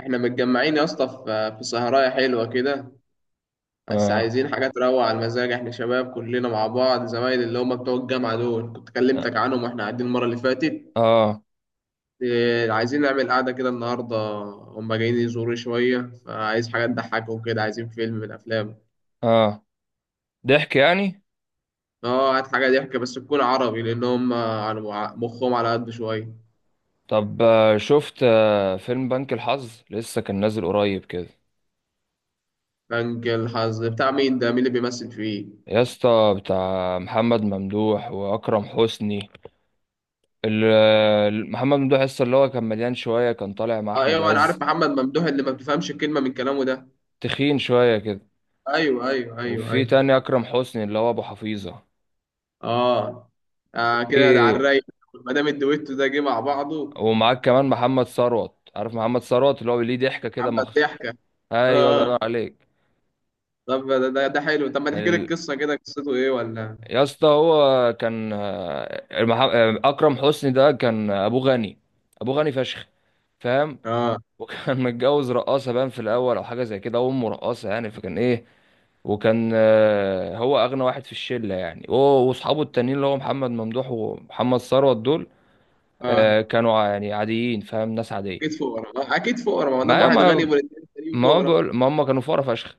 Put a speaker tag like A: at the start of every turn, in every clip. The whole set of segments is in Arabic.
A: احنا متجمعين يا اسطى في سهرايه حلوه كده. بس
B: اه
A: عايزين حاجات تروق على المزاج، احنا شباب كلنا مع بعض، زمايل اللي هم بتوع الجامعه دول كنت كلمتك عنهم واحنا قاعدين المره اللي فاتت.
B: اه
A: إيه، عايزين نعمل قعده كده النهارده. هم جايين يزوروا شويه، فعايز حاجه تضحكهم كده، عايزين فيلم من الافلام.
B: اه. ضحك يعني.
A: اه، هات حاجه ضحك بس تكون عربي، لان هم على مخهم على قد شويه.
B: طب، شفت فيلم بنك الحظ لسه كان نازل قريب كده.
A: بنك الحظ بتاع مين ده؟ مين اللي بيمثل فيه؟
B: يا اسطى بتاع محمد ممدوح واكرم حسني. محمد ممدوح لسه اللي هو كان مليان شويه، كان طالع مع
A: اه،
B: احمد
A: ايوه، انا عارف
B: عز.
A: محمد ممدوح اللي ما بتفهمش كلمه من كلامه ده.
B: تخين شويه كده.
A: ايوه، ايوه، ايوه،
B: وفي
A: ايوه.
B: تاني اكرم حسني اللي هو ابو حفيظه.
A: اه. آه، كده ده على
B: في.
A: الرايق. ما دام الدويتو ده جه مع بعضه.
B: ومعاك كمان محمد ثروت، عارف محمد ثروت اللي هو ليه ضحكه كده
A: عم الضحكه.
B: ايوه، الله ينور
A: اه.
B: عليك.
A: طب ده حلو. طب ما تحكي لي
B: ال...
A: القصه، كده قصته ايه ولا؟
B: يا اسطى، هو كان اكرم حسني ده كان ابوه غني. ابوه غني فشخ. فاهم؟
A: اه.
B: وكان متجوز رقاصه باين في الاول، او حاجه زي كده، وامه رقاصه يعني، فكان ايه. وكان هو اغنى واحد في الشله، يعني هو واصحابه التانيين اللي هو محمد ممدوح ومحمد ثروت دول.
A: اه،
B: كانوا يعني عاديين، فاهم؟ ناس عاديه.
A: اكيد فقراء، آه اكيد فقراء، ما دام
B: ما
A: واحد غني
B: ما
A: والاثنين التانيين
B: ما هو
A: فقراء.
B: بقول- ما هم كانوا فقراء فشخ.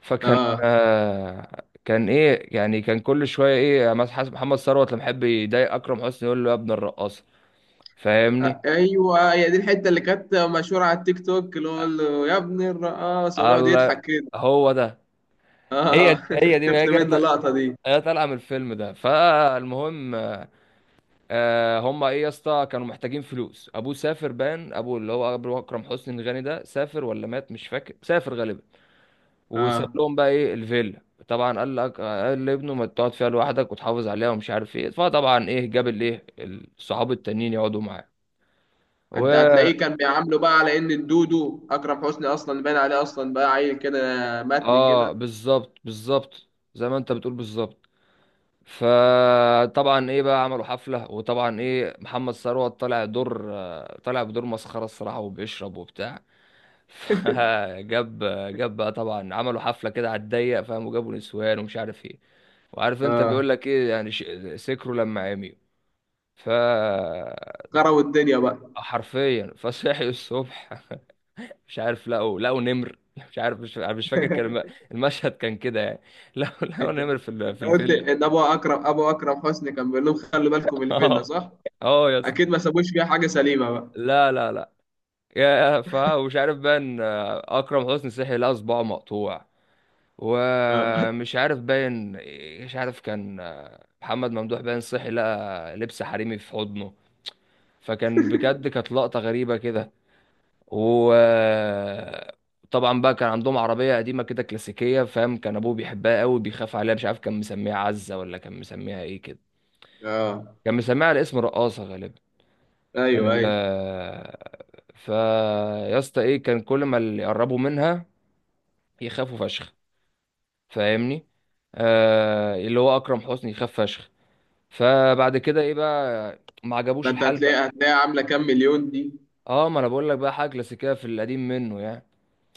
B: فكان.
A: آه.
B: كان ايه يعني. كان كل شويه ايه، مثلا حسب محمد ثروت لما يحب يضايق اكرم حسني يقول له يا ابن الرقاصه.
A: آه،
B: فاهمني؟
A: ايوه، هي دي الحته اللي كانت مشهوره على التيك توك، اللي هو قال له يا ابن الرقاصه ويقعد
B: الله.
A: يضحك كده.
B: هو ده.
A: اه،
B: هي دي هي دي، ما
A: شفت
B: هي
A: منه
B: جت-
A: اللقطه دي؟
B: هي طالعه من الفيلم ده، فالمهم. هم ايه يا اسطى، كانوا محتاجين فلوس. ابوه سافر، بان ابوه اللي هو أبو اكرم حسني الغني ده سافر ولا مات، مش فاكر، سافر غالبا. وساب
A: اه،
B: لهم بقى ايه الفيلا. طبعا قال لك، قال لابنه ما تقعد فيها لوحدك وتحافظ عليها ومش عارف ايه، فطبعا ايه، جاب الايه الصحاب التانيين يقعدوا معاه.
A: انت
B: و
A: هتلاقيه كان بيعامله بقى على ان الدودو اكرم حسني اصلا باين عليه، اصلا بقى عيل كده. متني
B: اه،
A: كده.
B: بالظبط بالظبط. زي ما انت بتقول، بالظبط. فطبعا ايه، بقى عملوا حفلة. وطبعا ايه، محمد ثروت طلع دور، طلع بدور مسخرة الصراحة، وبيشرب وبتاع. فجاب. جاب بقى، طبعا عملوا حفلة كده على الضيق، فاهم؟ وجابوا نسوان ومش عارف ايه. وعارف انت بيقول
A: اه،
B: لك ايه يعني سكروا لما عمي. ف
A: كروي الدنيا بقى.
B: حرفيا فصحي الصبح. مش عارف، لقوا نمر. مش عارف، مش فاكر، المشهد كان كده يعني. لقوا
A: انت
B: نمر في في
A: انت قلت
B: الفيلا.
A: ان ابو اكرم حسني كان بيقول لهم خلوا بالكم من الفيلا،
B: اه.
A: صح؟
B: اه، يا اسطى.
A: اكيد ما سابوش فيها حاجه سليمه بقى.
B: لا لا لا. يا ف ومش عارف، باين اكرم حسني صحي لقى صباعه مقطوع.
A: اه،
B: ومش عارف باين. مش عارف كان. محمد ممدوح باين صحي لقى لبس حريمي في حضنه. فكان بجد، كانت لقطة غريبة كده. وطبعا بقى كان عندهم عربية قديمة كده كلاسيكية، فاهم؟ كان أبوه بيحبها قوي، بيخاف عليها، مش عارف كان مسميها عزة ولا كان مسميها إيه كده.
A: اه،
B: كان مسميها على اسم رقاصة غالبا.
A: ايوه،
B: ال
A: ايوه.
B: فا يا اسطى، إيه، كان كل ما اللي يقربوا منها يخافوا فشخ. فاهمني؟ اللي هو أكرم حسني يخاف فشخ. فبعد كده إيه، بقى ما
A: ما
B: عجبوش
A: انت
B: الحال
A: هتلاقي
B: بقى.
A: هتلاقي عامله كام مليون دي.
B: اه، ما انا بقول لك بقى، حاجه كلاسيكيه في القديم منه يعني.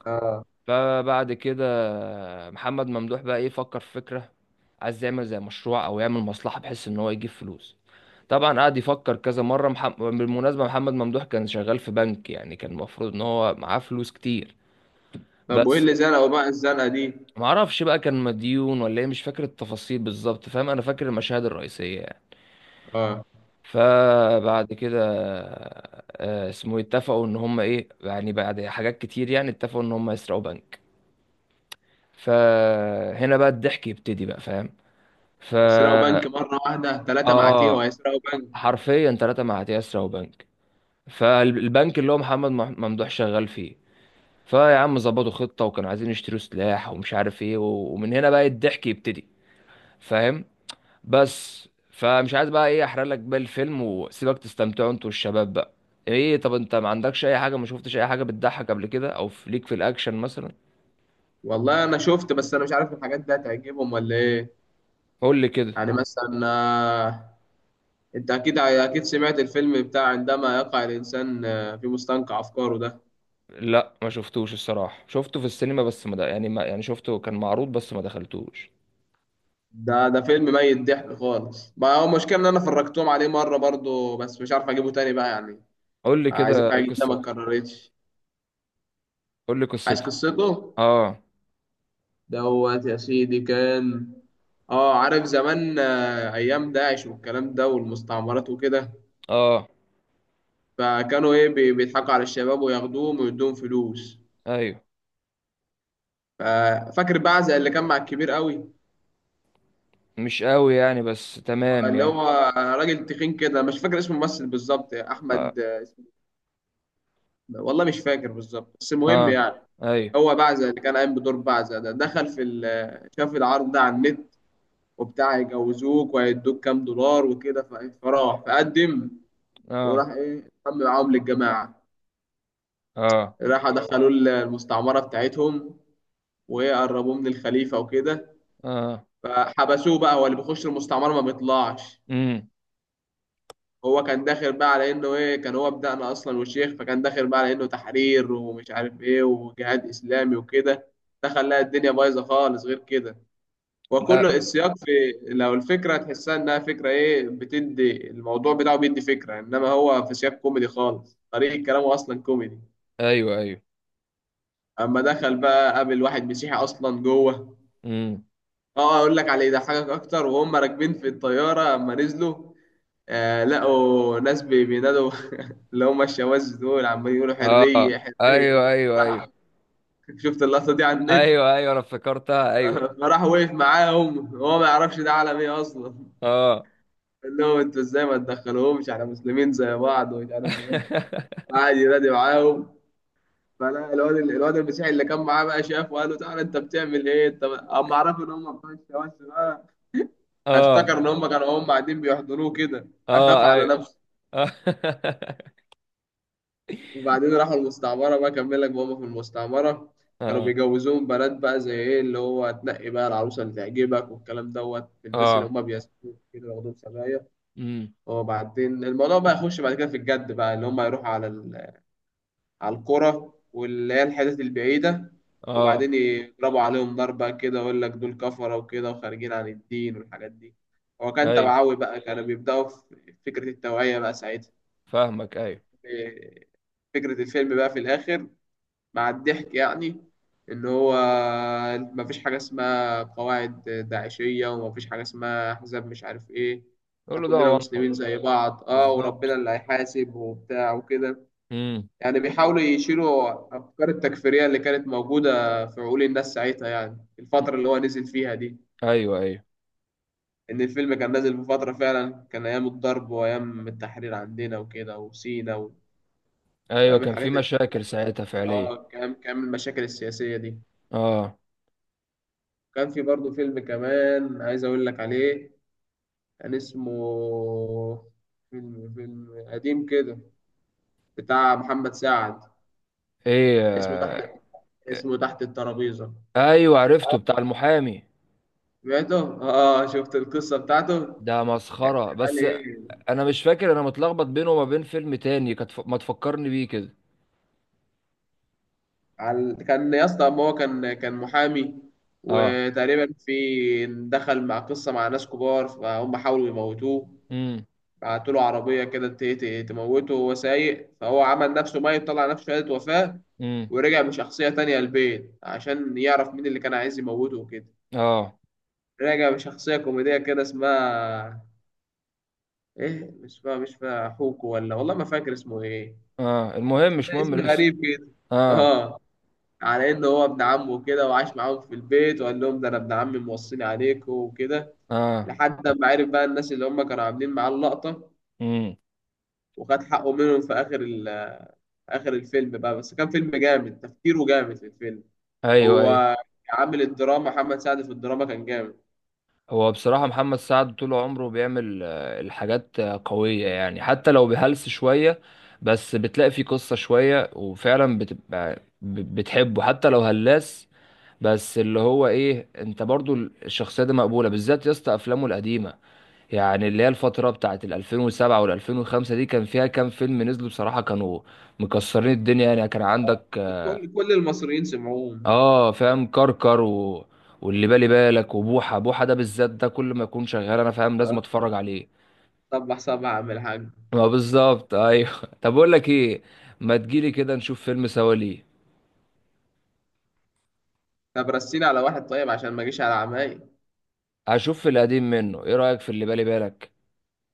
A: اه،
B: فبعد كده محمد ممدوح بقى ايه، فكر في فكرة. عايز يعمل زي مشروع او يعمل مصلحة، بحيث ان هو يجيب فلوس. طبعا قعد يفكر كذا مرة. بالمناسبة محمد ممدوح كان شغال في بنك، يعني كان المفروض ان هو معاه فلوس كتير.
A: طب وايه
B: بس.
A: اللي زنقوا بقى الزنقه دي؟
B: معرفش بقى، كان مديون ولا ايه، مش فاكر التفاصيل بالظبط، فاهم؟ انا فاكر المشاهد الرئيسية يعني.
A: اه،
B: فبعد كده. اسمه، اتفقوا ان هم ايه يعني، بعد حاجات كتير يعني اتفقوا ان هم يسرقوا بنك. فهنا بقى الضحك يبتدي بقى، فاهم؟ ف
A: يسرقوا بنك؟ مره واحده ثلاثه معاتيه
B: اه،
A: وهيسرقوا بنك؟
B: حرفيا ثلاثة مع يسرا وبنك. فالبنك اللي هو محمد ممدوح شغال فيه. فيا عم، ظبطوا خطة وكانوا عايزين يشتروا سلاح ومش عارف ايه، ومن هنا بقى الضحك يبتدي. فاهم؟ بس فمش عايز بقى ايه احرق لك بقى الفيلم، وسيبك تستمتعوا انتوا والشباب بقى. ايه، طب انت ما عندكش اي حاجة؟ ما شفتش اي حاجة بتضحك قبل كده، او في ليك في الاكشن مثلا؟
A: والله انا شفت، بس انا مش عارف الحاجات دي هتعجبهم ولا ايه.
B: قول لي كده.
A: يعني مثلا، انت اكيد اكيد سمعت الفيلم بتاع عندما يقع الانسان في مستنقع افكاره ده.
B: لا، ما شفتوش الصراحة، شفته في السينما بس ما د- يعني، ما يعني شفته كان معروض بس ما دخلتوش.
A: ده فيلم ميت ضحك خالص بقى، هو المشكله ان انا فرجتهم عليه مره برضو، بس مش عارف اجيبه تاني بقى يعني.
B: قول لي كده
A: عايزين حاجه جديده ما
B: قصته.
A: اتكررتش.
B: قول لي
A: عايز
B: قصته.
A: قصته.
B: اه.
A: دوت يا سيدي، كان، اه، عارف زمان ايام داعش والكلام ده والمستعمرات وكده.
B: اه،
A: فكانوا ايه بيضحكوا على الشباب وياخدوهم ويدوهم فلوس.
B: ايوه،
A: ف- فاكر بعزة اللي كان مع الكبير قوي،
B: مش قوي يعني بس تمام
A: اللي
B: يعني.
A: هو راجل تخين كده، مش فاكر اسم الممثل بالظبط،
B: اه.
A: احمد. والله مش فاكر بالظبط، بس المهم
B: اه،
A: يعني.
B: ايوه.
A: هو بعزة اللي كان قايم بدور بعزة ده دخل في شاف العرض ده على النت وبتاع يجوزوك وهيدوك كام دولار وكده، فراح فقدم.
B: اه.
A: وراح ايه انضم معاهم للجماعة.
B: اه،
A: راح دخلوه المستعمرة بتاعتهم، وقربوه من الخليفة وكده.
B: اه.
A: فحبسوه بقى، هو اللي بيخش المستعمرة ما بيطلعش.
B: امم.
A: هو كان داخل بقى على انه ايه، كان هو بدأنا اصلا والشيخ، فكان داخل بقى على انه تحرير ومش عارف ايه وجهاد اسلامي وكده. دخل لقى الدنيا بايظه خالص غير كده. وكل
B: لا.
A: السياق في، لو الفكره تحسها انها فكره ايه، بتدي الموضوع بتاعه بيدي فكره، انما هو في سياق كوميدي خالص، طريقه كلامه اصلا كوميدي.
B: ايوه ايوه.
A: اما دخل بقى قابل واحد مسيحي اصلا جوه.
B: امم.
A: اه، اقول لك على اللي يضحكك اكتر، وهم راكبين في الطياره اما نزلوا، آه لقوا ناس بينادوا، اللي هم الشواذ دول عمالين يقولوا
B: اه،
A: حرية حرية.
B: ايوه ايوه ايوه
A: راح، شفت اللقطة دي على النت؟
B: ايوه ايوه، انا افتكرتها ايوه.
A: فراح وقف معاهم، هو ما يعرفش ده عالم ايه أصلا.
B: اه.
A: قال لهم انتوا ازاي ما تدخلوهمش، احنا مسلمين زي بعض ومش عارف ايه. قعد ينادي معاهم. فلا الواد المسيحي اللي كان معاه بقى شافه، وقال له تعالى انت بتعمل ايه انت بقى؟ اما عرفوا ان هم بتوع الشواذ بقى،
B: اه.
A: افتكر ان هم كانوا هم قاعدين بيحضروه كده، اخاف
B: اه،
A: على
B: ايوه.
A: نفسه.
B: اه.
A: وبعدين راحوا المستعمرة بقى، كمل لك بابا في المستعمرة. كانوا
B: اه.
A: بيجوزوهم بنات بقى، زي ايه اللي هو تنقي بقى العروسة اللي تعجبك والكلام، دوت الناس اللي
B: اه،
A: هم بيسكنوا كده ياخدوهم سبايا.
B: امم.
A: وبعدين الموضوع بقى يخش بعد كده في الجد بقى، اللي هم يروحوا على على القرى واللي هي الحتت البعيدة،
B: اه،
A: وبعدين يضربوا عليهم نار بقى كده، ويقول لك دول كفرة وكده وخارجين عن الدين والحاجات دي. هو كان
B: ايوه،
A: توعوي بقى، كانوا بيبدأوا في فكرة التوعية بقى ساعتها.
B: فاهمك، ايوه.
A: إيه، فكرة الفيلم بقى في الآخر، مع الضحك يعني، ان هو مفيش حاجه اسمها قواعد داعشيه، ومفيش حاجه اسمها احزاب مش عارف ايه.
B: قول
A: إحنا
B: له ده
A: كلنا
B: وانطه.
A: مسلمين زي بعض، اه،
B: بالظبط.
A: وربنا اللي هيحاسب وبتاع وكده.
B: امم.
A: يعني بيحاولوا يشيلوا افكار التكفيريه اللي كانت موجوده في عقول الناس ساعتها، يعني الفتره اللي هو نزل فيها دي،
B: ايوه ايوه.
A: ان الفيلم كان نازل في فتره فعلا كان ايام الضرب وايام التحرير عندنا وكده وسينا
B: ايوه،
A: وايام
B: كان في
A: الحاجات اللي كانت
B: مشاكل
A: بتحصل.
B: ساعتها فعليا.
A: اه، كام المشاكل السياسيه دي.
B: اه.
A: كان في برضه فيلم كمان عايز أقول لك عليه. كان اسمه، فيلم قديم كده بتاع محمد سعد.
B: ايه،
A: اسمه تحت اسمه تحت الترابيزة.
B: ايوه، عرفته بتاع المحامي.
A: سمعته؟ اه، شفت القصة بتاعته؟
B: ده
A: كان
B: مسخره
A: شغال
B: بس.
A: ايه؟
B: انا مش فاكر، انا متلخبط بينه وما بين فيلم تاني، كانت ما تفكرني بيه كده.
A: كان يا اسطى، ما هو كان محامي،
B: اه.
A: وتقريبا في دخل مع قصة مع ناس كبار فهم حاولوا يموتوه.
B: امم.
A: بعتوا له عربية كده تموته وهو سايق، فهو عمل نفسه ميت، طلع نفسه شهادة وفاة،
B: امم.
A: ورجع بشخصية تانية البيت عشان يعرف مين اللي كان عايز يموته وكده.
B: اه.
A: رجع بشخصية كوميدية كده اسمها ايه، مش فا مش فا حوكو ولا، والله ما فاكر اسمه ايه،
B: اه، المهم
A: اسم
B: مش مهم
A: اسم
B: الاسم.
A: غريب كده.
B: اه.
A: اه. على انه هو ابن عمه كده، وعاش معاهم في البيت، وقال لهم ده انا ابن عمي موصيني عليكم وكده.
B: اه.
A: لحد ما عرف بقى الناس اللي هم كانوا عاملين معاه اللقطة،
B: امم.
A: وخد حقه منهم في آخر ال اخر الفيلم بقى. بس كان فيلم جامد، تفكيره جامد في الفيلم.
B: ايوه ايوه.
A: هو عامل الدراما، محمد سعد في الدراما كان جامد.
B: هو بصراحة محمد سعد طول عمره بيعمل الحاجات قوية يعني، حتى لو بهلس شوية. بس بتلاقي فيه قصة شوية، وفعلا بتبقى بتحبه حتى لو هلاس. بس اللي هو ايه، انت برضو الشخصية دي مقبولة، بالذات يا اسطى افلامه القديمة. يعني اللي هي الفترة بتاعت ال 2007 وال 2005، دي كان فيها كام فيلم نزلوا بصراحة كانوا مكسرين الدنيا يعني. كان عندك
A: كل المصريين سمعوهم.
B: اه، فاهم، كركر و... واللي بالي بالك وبوحه بوحه، ده بالذات ده كل ما يكون شغال انا فاهم لازم اتفرج عليه.
A: صبح صبح يا عم الحاج.
B: ما بالظبط، ايوه. طب اقول لك ايه، ما تجيلي كده نشوف فيلم سوا ليه؟
A: طب رسينا على واحد طيب عشان ما اجيش على عماي.
B: هشوف في القديم منه، ايه رايك في اللي بالي بالك؟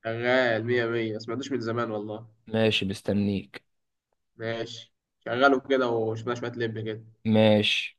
A: شغال مية مية، ما سمعتوش من زمان والله.
B: ماشي، مستنيك.
A: ماشي. شغله كده وشوية شوية لب كده.
B: ماشي.